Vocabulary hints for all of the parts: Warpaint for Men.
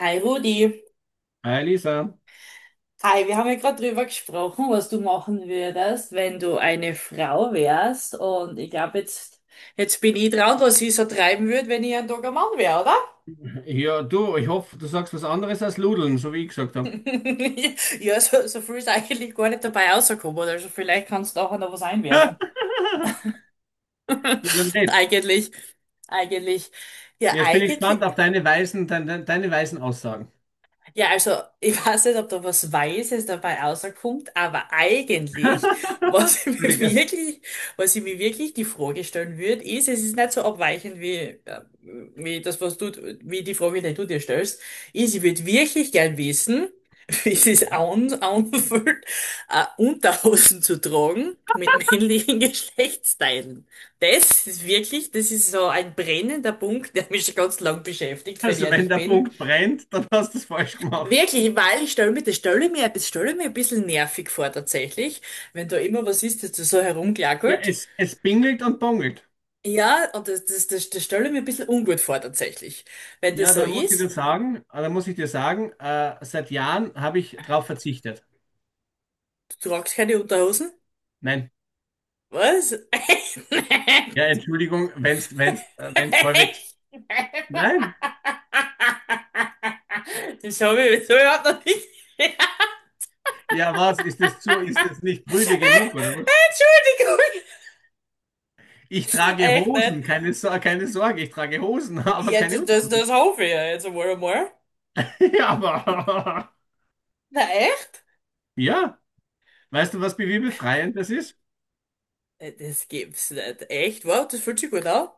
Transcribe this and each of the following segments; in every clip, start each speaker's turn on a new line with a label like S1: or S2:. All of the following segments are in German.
S1: Hi Rudi.
S2: Hi Lisa.
S1: Hi, wir haben ja gerade drüber gesprochen, was du machen würdest, wenn du eine Frau wärst. Und ich glaube, jetzt bin ich dran, was ich so treiben würde, wenn ich ein Tag ein Mann wäre, oder?
S2: Ja, du, ich hoffe, du sagst was anderes als Ludeln, so wie ich gesagt habe.
S1: Ja, so viel ist eigentlich gar nicht dabei rausgekommen. Also vielleicht kannst du auch noch was einwerfen.
S2: Ja, dann red.
S1: Eigentlich, eigentlich. Ja,
S2: Jetzt bin ich gespannt
S1: eigentlich.
S2: auf deine weisen, deine weisen Aussagen.
S1: Ja, also ich weiß nicht, ob da was Weises dabei rauskommt, aber eigentlich, was ich mir
S2: Entschuldige.
S1: wirklich, was ich mir wirklich die Frage stellen würde, ist, es ist nicht so abweichend wie, äh, wie wie die Frage, die du dir stellst, ist, ich würde wirklich gern wissen, wie es sich anfühlt, Unterhosen zu tragen mit männlichen Geschlechtsteilen. Das ist so ein brennender Punkt, der mich schon ganz lang beschäftigt, wenn ich
S2: Also wenn
S1: ehrlich
S2: der
S1: bin.
S2: Punkt brennt, dann hast du es falsch gemacht.
S1: Wirklich, weil ich stelle ich mir ein bisschen nervig vor tatsächlich, wenn da immer was ist, das da so
S2: Ja,
S1: herumgackelt.
S2: es bingelt und bongelt.
S1: Ja, und das stelle ich mir ein bisschen ungut vor tatsächlich. Wenn
S2: Ja,
S1: das so
S2: dann muss ich
S1: ist,
S2: dir sagen, dann muss ich dir sagen, seit Jahren habe ich darauf verzichtet.
S1: du tragst keine Unterhosen?
S2: Nein.
S1: Was? Echt? Nein.
S2: Ja, Entschuldigung, wenn's häufig.
S1: Echt? Nein.
S2: Nein.
S1: Das hab ich so überhaupt noch nicht.
S2: Ja, was? Ist das nicht prüde genug, oder was?
S1: Entschuldigung.
S2: Ich trage
S1: Echt nicht?
S2: Hosen, keine, keine Sorge, ich trage Hosen, aber
S1: Ja,
S2: keine
S1: das
S2: Unterhosen.
S1: hoffe ich ja jetzt einmal.
S2: Ja, aber.
S1: Na echt?
S2: Ja, weißt du, was bewierbefreiend das ist?
S1: Das gibt's nicht. Echt? Wow, das fühlt sich gut an.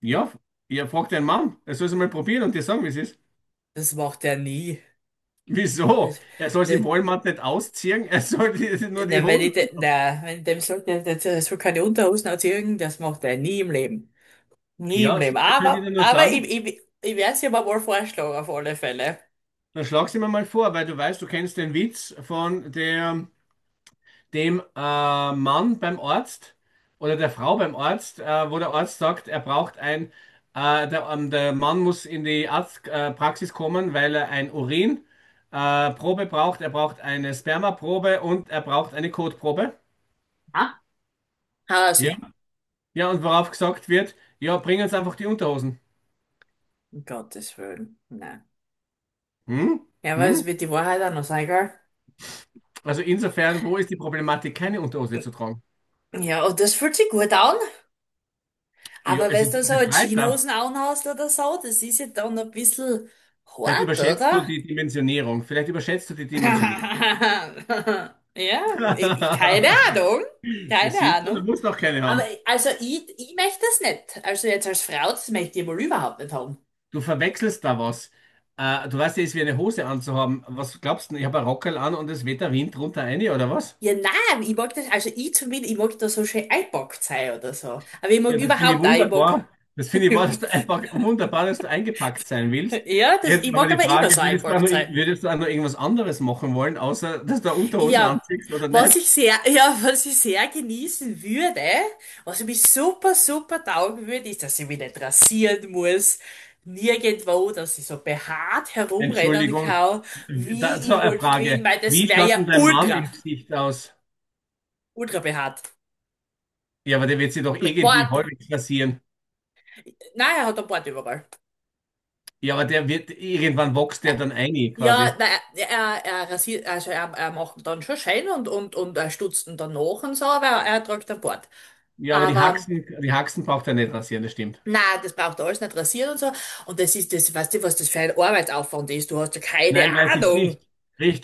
S2: Ja, ihr fragt deinen Mann, er soll es mal probieren und dir sagen, wie es ist.
S1: Das macht er nie.
S2: Wieso?
S1: Das,
S2: Er soll es
S1: das,
S2: im Walmart nicht ausziehen, er soll nur
S1: na,
S2: die
S1: wenn
S2: Hosen.
S1: ich, de, na, wenn ich dem sage, der soll keine Unterhosen anziehen, das macht er nie im Leben. Nie im
S2: Ja,
S1: Leben.
S2: sicher könnte ich dir
S1: Aber,
S2: nur
S1: aber ich,
S2: sagen,
S1: ich, ich werde es ihm mal vorschlagen, auf alle Fälle.
S2: dann schlag's ihm mal vor, weil du weißt, du kennst den Witz von der dem Mann beim Arzt oder der Frau beim Arzt, wo der Arzt sagt, er braucht ein, der, der Mann muss in die Arztpraxis Praxis kommen, weil er ein Urin Probe braucht, er braucht eine Spermaprobe und er braucht eine Kotprobe.
S1: Ja? Ah,
S2: Ja.
S1: sie,
S2: Ja, und worauf gesagt wird, ja, bring uns einfach die Unterhosen.
S1: um Gottes Willen. Nein.
S2: Hm?
S1: Ja, aber es
S2: Hm?
S1: wird die Wahrheit auch noch sein, gell?
S2: Also insofern, wo ist die Problematik, keine Unterhose zu tragen?
S1: Ja, und das fühlt sich gut an.
S2: Ja,
S1: Aber
S2: es
S1: wenn du
S2: ist
S1: so eine
S2: befreiter.
S1: Jeanshosen anhast oder so, das ist ja dann ein bisschen
S2: Vielleicht
S1: hart,
S2: überschätzt du
S1: oder?
S2: die Dimensionierung. Vielleicht überschätzt du die Dimensionierung.
S1: Ja, ich- keine Ahnung.
S2: Ja,
S1: Keine
S2: siehst du, du
S1: Ahnung.
S2: musst noch keine
S1: Aber
S2: haben.
S1: also ich möchte das nicht. Also jetzt als Frau, das möchte ich wohl überhaupt nicht haben.
S2: Du verwechselst da was. Du weißt ja, es ist wie eine Hose anzuhaben. Was glaubst du denn? Ich habe ein Rockerl an und es weht der Wind drunter rein, oder was?
S1: Ja, nein, ich mag das, also ich zumindest, ich mag da so schön eingepackt sein oder so. Aber ich mag
S2: Ja, das finde ich
S1: überhaupt auch,
S2: wunderbar. Das finde ich wahr, dass du einfach wunderbar, dass du eingepackt sein willst.
S1: ja, das, ich
S2: Jetzt aber
S1: mag
S2: die
S1: aber immer
S2: Frage,
S1: so eingepackt sein.
S2: würdest du auch noch irgendwas anderes machen wollen, außer dass du Unterhosen
S1: Ja,
S2: anziehst oder
S1: was
S2: nicht?
S1: ich sehr, ja, was ich sehr genießen würde, was mich super taugen würde, ist, dass ich mich nicht rasieren muss. Nirgendwo, dass ich so behaart herumrennen
S2: Entschuldigung.
S1: kann,
S2: Da,
S1: wie
S2: so
S1: ich
S2: eine
S1: halt bin,
S2: Frage.
S1: weil das
S2: Wie
S1: wäre
S2: schaut
S1: ja
S2: denn dein Mann im Gesicht aus?
S1: ultra behaart.
S2: Ja, aber der wird sich doch
S1: Mit
S2: irgendwie
S1: Bart,
S2: häufig rasieren.
S1: nein, er hat einen Bart überall.
S2: Ja, aber der wird, irgendwann wächst der dann ein,
S1: Ja,
S2: quasi.
S1: na, er rasiert, also er macht ihn dann schon schön und er stutzt ihn dann nach und so, aber er trägt einen Bart.
S2: Ja, aber
S1: Aber
S2: Die Haxen braucht er nicht rasieren, das stimmt.
S1: na, das braucht alles nicht rasieren und so. Und das ist das, weißt du, was das für ein Arbeitsaufwand ist? Du hast ja keine
S2: Nein, weiß ich
S1: Ahnung.
S2: nicht.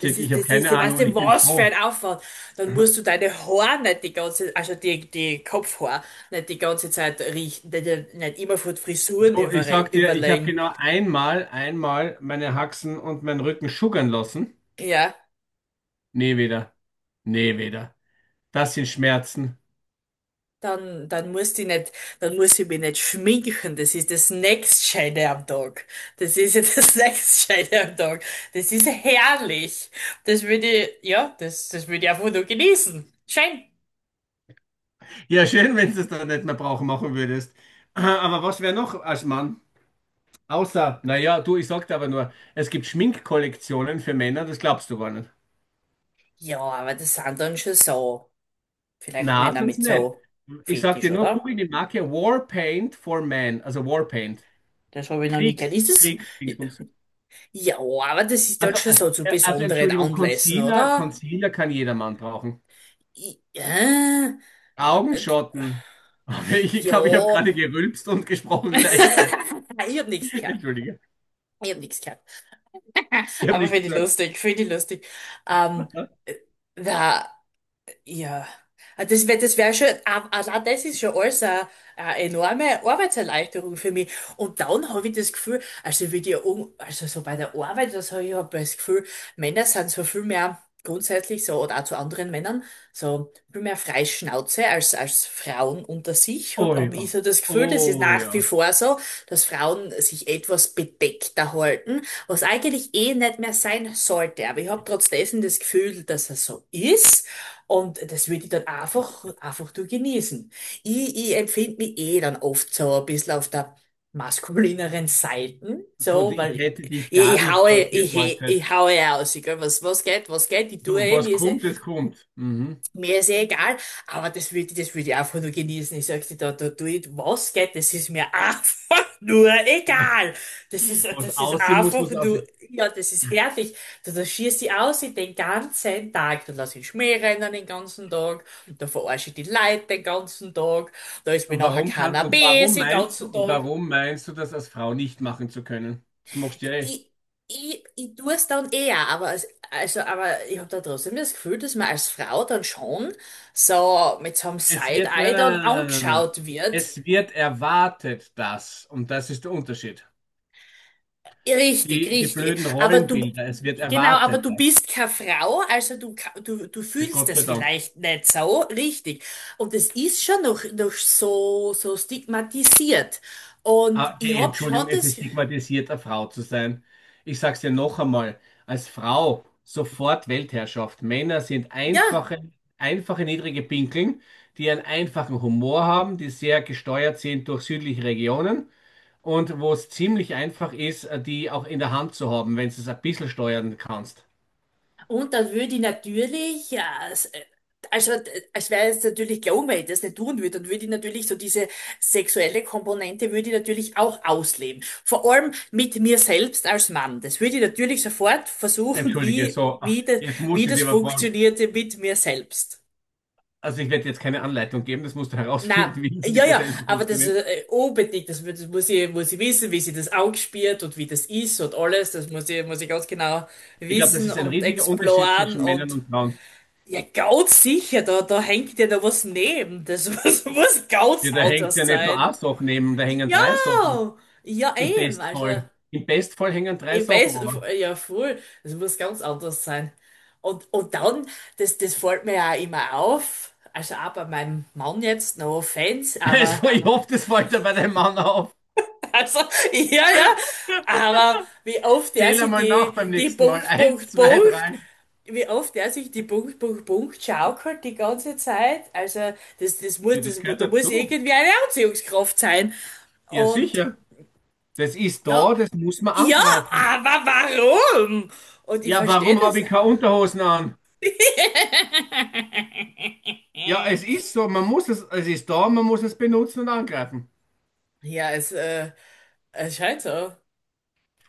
S2: ich habe keine
S1: Ja,
S2: Ahnung
S1: weißt
S2: und
S1: du,
S2: ich bin
S1: was für
S2: froh.
S1: ein Aufwand. Dann musst du deine Haare nicht die ganze, also die Kopfhaare nicht die ganze Zeit richten, nicht immer von Frisuren
S2: Du, ich sag dir, ich habe
S1: überlegen.
S2: genau einmal meine Haxen und meinen Rücken schuggern lassen.
S1: Ja.
S2: Nee, wieder. Nee, wieder. Das sind Schmerzen.
S1: Dann muss ich nicht, dann muss ich mich nicht schminken. Das ist das nächstscheide am Tag. Das ist ja das nächstscheide am Tag. Das ist ja herrlich. Das würde ich, ja, das würde ich einfach nur genießen. Schön.
S2: Ja, schön, wenn du es dann nicht mehr brauchen machen würdest. Aber was wäre noch als Mann? Außer, naja, du, ich sagte aber nur, es gibt Schminkkollektionen für Männer, das glaubst du gar nicht.
S1: Ja, aber das sind dann schon so, vielleicht
S2: Na,
S1: Männer
S2: sonst
S1: mit
S2: nicht.
S1: so
S2: Ich sag
S1: Fetisch,
S2: dir nur,
S1: oder?
S2: google die Marke Warpaint for Men, also Warpaint.
S1: Das habe ich noch nie gehört. Ist das?
S2: Dingsbums.
S1: Ja, aber das ist dann
S2: Also,
S1: schon so zu
S2: also
S1: besonderen
S2: Entschuldigung,
S1: Anlässen, oder?
S2: Concealer kann jeder Mann brauchen.
S1: Ja,
S2: Augenschatten. Aber ich
S1: ja.
S2: glaube, ich habe gerade gerülpst und gesprochen gleichzeitig.
S1: Ich habe nichts gehört.
S2: Entschuldige,
S1: Ich habe nichts gehört.
S2: ich habe
S1: Aber
S2: nichts
S1: finde ich
S2: gesagt.
S1: lustig, finde ich lustig. Ähm, äh, da, ja, Ah, das wär schon, ah, allein das ist schon alles eine enorme Arbeitserleichterung für mich. Und dann habe ich das Gefühl, also wie die, um, also so bei der Arbeit, das habe ich hab das Gefühl, Männer sind so viel mehr grundsätzlich so, oder auch zu anderen Männern, so viel mehr Freischnauze als, als Frauen unter sich.
S2: Oh
S1: Hab ich
S2: ja,
S1: so das Gefühl, das ist
S2: oh
S1: nach wie
S2: ja.
S1: vor so, dass Frauen sich etwas bedeckter halten, was eigentlich eh nicht mehr sein sollte. Aber ich habe trotzdem das Gefühl, dass es so ist. Und das würde ich dann einfach durch genießen. Ich empfinde mich eh dann oft so ein bisschen auf der maskulineren Seiten,
S2: Du,
S1: so,
S2: ich
S1: weil
S2: hätte dich gar
S1: ich
S2: nicht
S1: haue,
S2: dort
S1: ich, he-
S2: geortet.
S1: ich haue aus, ich gell, was geht, ich
S2: Du,
S1: tue eh,
S2: was kommt, das kommt. Mhm.
S1: mir ist eh egal, aber das würd ich einfach nur genießen. Ich sag dir, da tue ich was geht, das ist mir einfach nur egal. Das ist,
S2: Was
S1: das ist
S2: aussehen muss,
S1: einfach
S2: muss
S1: nur,
S2: aussehen.
S1: ja, das ist herrlich. Da schießt ich aus in den ganzen Tag. Da lass ich Schmäh rennen den ganzen Tag. Da verarsche ich die Leute den ganzen Tag. Da ist mir nachher Cannabis den ganzen
S2: Und
S1: Tag.
S2: warum meinst du, das als Frau nicht machen zu können? Das machst du ja eh.
S1: Ich, ich tue es dann eher, aber, als- also, aber ich habe da trotzdem das Gefühl, dass man als Frau dann schon so mit so einem
S2: Es wird, nein,
S1: Side-Eye
S2: nein,
S1: dann
S2: nein, nein, nein, nein. nein.
S1: angeschaut wird.
S2: Es wird erwartet, das. Und das ist der Unterschied.
S1: Richtig,
S2: Die, die
S1: richtig.
S2: blöden
S1: Aber du,
S2: Rollenbilder. Es wird
S1: genau, aber
S2: erwartet,
S1: du
S2: das.
S1: bist keine Frau, also du, ka- du
S2: Ja,
S1: fühlst
S2: Gott
S1: das
S2: sei Dank.
S1: vielleicht nicht so richtig. Und es ist schon noch so stigmatisiert. Und
S2: Ah, die
S1: ich habe schon
S2: Entschuldigung, es ist
S1: das,
S2: stigmatisierter, Frau zu sein. Ich sag's dir noch einmal, als Frau sofort Weltherrschaft. Männer sind
S1: ja,
S2: einfache, einfache niedrige Pinkeln, die einen einfachen Humor haben, die sehr gesteuert sind durch südliche Regionen und wo es ziemlich einfach ist, die auch in der Hand zu haben, wenn du es ein bisschen steuern kannst.
S1: und dann würde ich natürlich, ja, s- also es wäre jetzt natürlich klar, wenn ich das nicht tun würde, dann würde ich natürlich so diese sexuelle Komponente würde ich natürlich auch ausleben. Vor allem mit mir selbst als Mann. Das würde ich natürlich sofort versuchen,
S2: Entschuldige, so, ach, jetzt
S1: wie
S2: muss ich
S1: das
S2: dir mal fragen.
S1: funktionierte mit mir selbst.
S2: Also ich werde jetzt keine Anleitung geben, das musst du
S1: Na,
S2: herausfinden, wie das
S1: ja,
S2: mit dir
S1: ja,
S2: selber
S1: aber das
S2: funktioniert.
S1: unbedingt, das muss ich wissen, wie sie das ausspielt und wie das ist und alles, muss ich ganz genau
S2: Ich glaube, das
S1: wissen
S2: ist ein
S1: und
S2: riesiger Unterschied
S1: exploren
S2: zwischen Männern
S1: und
S2: und Frauen.
S1: ja, ganz sicher, da hängt ja da was neben. Das muss ganz
S2: Ja, da hängt ja
S1: anders
S2: nicht nur
S1: sein.
S2: eine Sache neben, da hängen
S1: Ja,
S2: drei Sachen.
S1: ja
S2: Im
S1: eben, also
S2: Bestfall. Im Bestfall hängen drei
S1: ich
S2: Sachen,
S1: weiß,
S2: aber.
S1: ja voll, das muss ganz anders sein. Und dann, das fällt mir ja immer auf, also auch bei meinem Mann jetzt, no offense,
S2: Es
S1: aber
S2: war, ich hoffe, das fällt dir bei deinem Mann auf.
S1: also, ja, ja. Aber wie oft der
S2: Zähl
S1: sich
S2: einmal nach beim
S1: die
S2: nächsten Mal.
S1: Punkt,
S2: Eins,
S1: Punkt,
S2: zwei,
S1: Punkt,
S2: drei.
S1: wie oft der sich die Punkt, Punkt, Punkt schaukelt die ganze Zeit. Also,
S2: Ja, das
S1: mu-
S2: gehört
S1: da muss
S2: dazu.
S1: irgendwie eine Anziehungskraft sein.
S2: Ja,
S1: Und
S2: sicher. Das ist
S1: ja,
S2: da, das muss man
S1: ja,
S2: angreifen.
S1: aber warum? Und ich
S2: Ja,
S1: verstehe
S2: warum habe
S1: das.
S2: ich keine Unterhosen an? Ja, es ist so, man muss es, es ist da, man muss es benutzen und angreifen.
S1: Ja, es scheint so.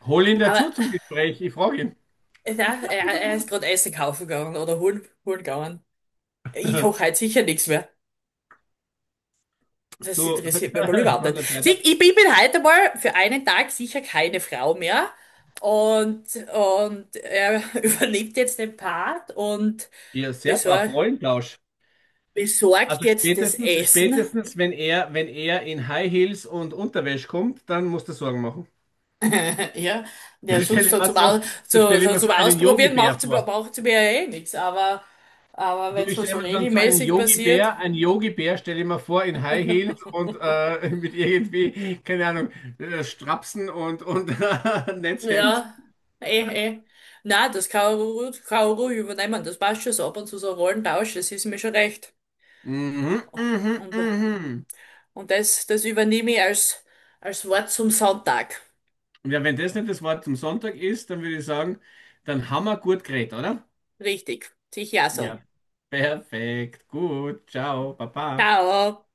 S2: Hol ihn
S1: Aber
S2: dazu zum Gespräch, ich frage ihn.
S1: na, er ist gerade Essen kaufen gegangen oder holen gegangen. Ich koche halt sicher nichts mehr. Das
S2: Du,
S1: interessiert mich aber überhaupt
S2: von
S1: nicht.
S2: der
S1: Sieh,
S2: Seite.
S1: ich bin bin heute mal für einen Tag sicher keine Frau mehr. Und, und er übernimmt jetzt den Part und
S2: Ja, sehr brav,
S1: besor
S2: Rollentausch.
S1: besorgt jetzt das Essen.
S2: Spätestens, wenn er in High Heels und Unterwäsche kommt, dann musst du Sorgen machen.
S1: Ja,
S2: Dann
S1: der sonst
S2: stelle ich
S1: so
S2: mir
S1: zum,
S2: so,
S1: Au
S2: dann
S1: so,
S2: stelle ich
S1: so
S2: mir
S1: zum
S2: so einen
S1: Ausprobieren
S2: Yogi-Bär
S1: macht,
S2: vor.
S1: macht mir ja eh nichts. Aber
S2: Du,
S1: wenn es
S2: ich
S1: wohl
S2: stelle
S1: so
S2: mir dann so einen
S1: regelmäßig passiert.
S2: Einen Yogi-Bär stelle ich mir vor in High Heels und mit irgendwie, keine Ahnung, Strapsen und Netzhemd.
S1: Ja, eh, eh. Na, das Kaoru übernehmen, das passt schon so ab und zu so Rollentausch, das ist mir schon recht.
S2: Mhm, mhm,
S1: Und,
S2: mhm.
S1: und das übernehme ich als, als Wort zum Sonntag.
S2: Ja, wenn das nicht das Wort zum Sonntag ist, dann würde ich sagen, dann haben wir gut geredet, oder?
S1: Richtig, sicher so.
S2: Ja, perfekt, gut, ciao, baba.
S1: Ciao.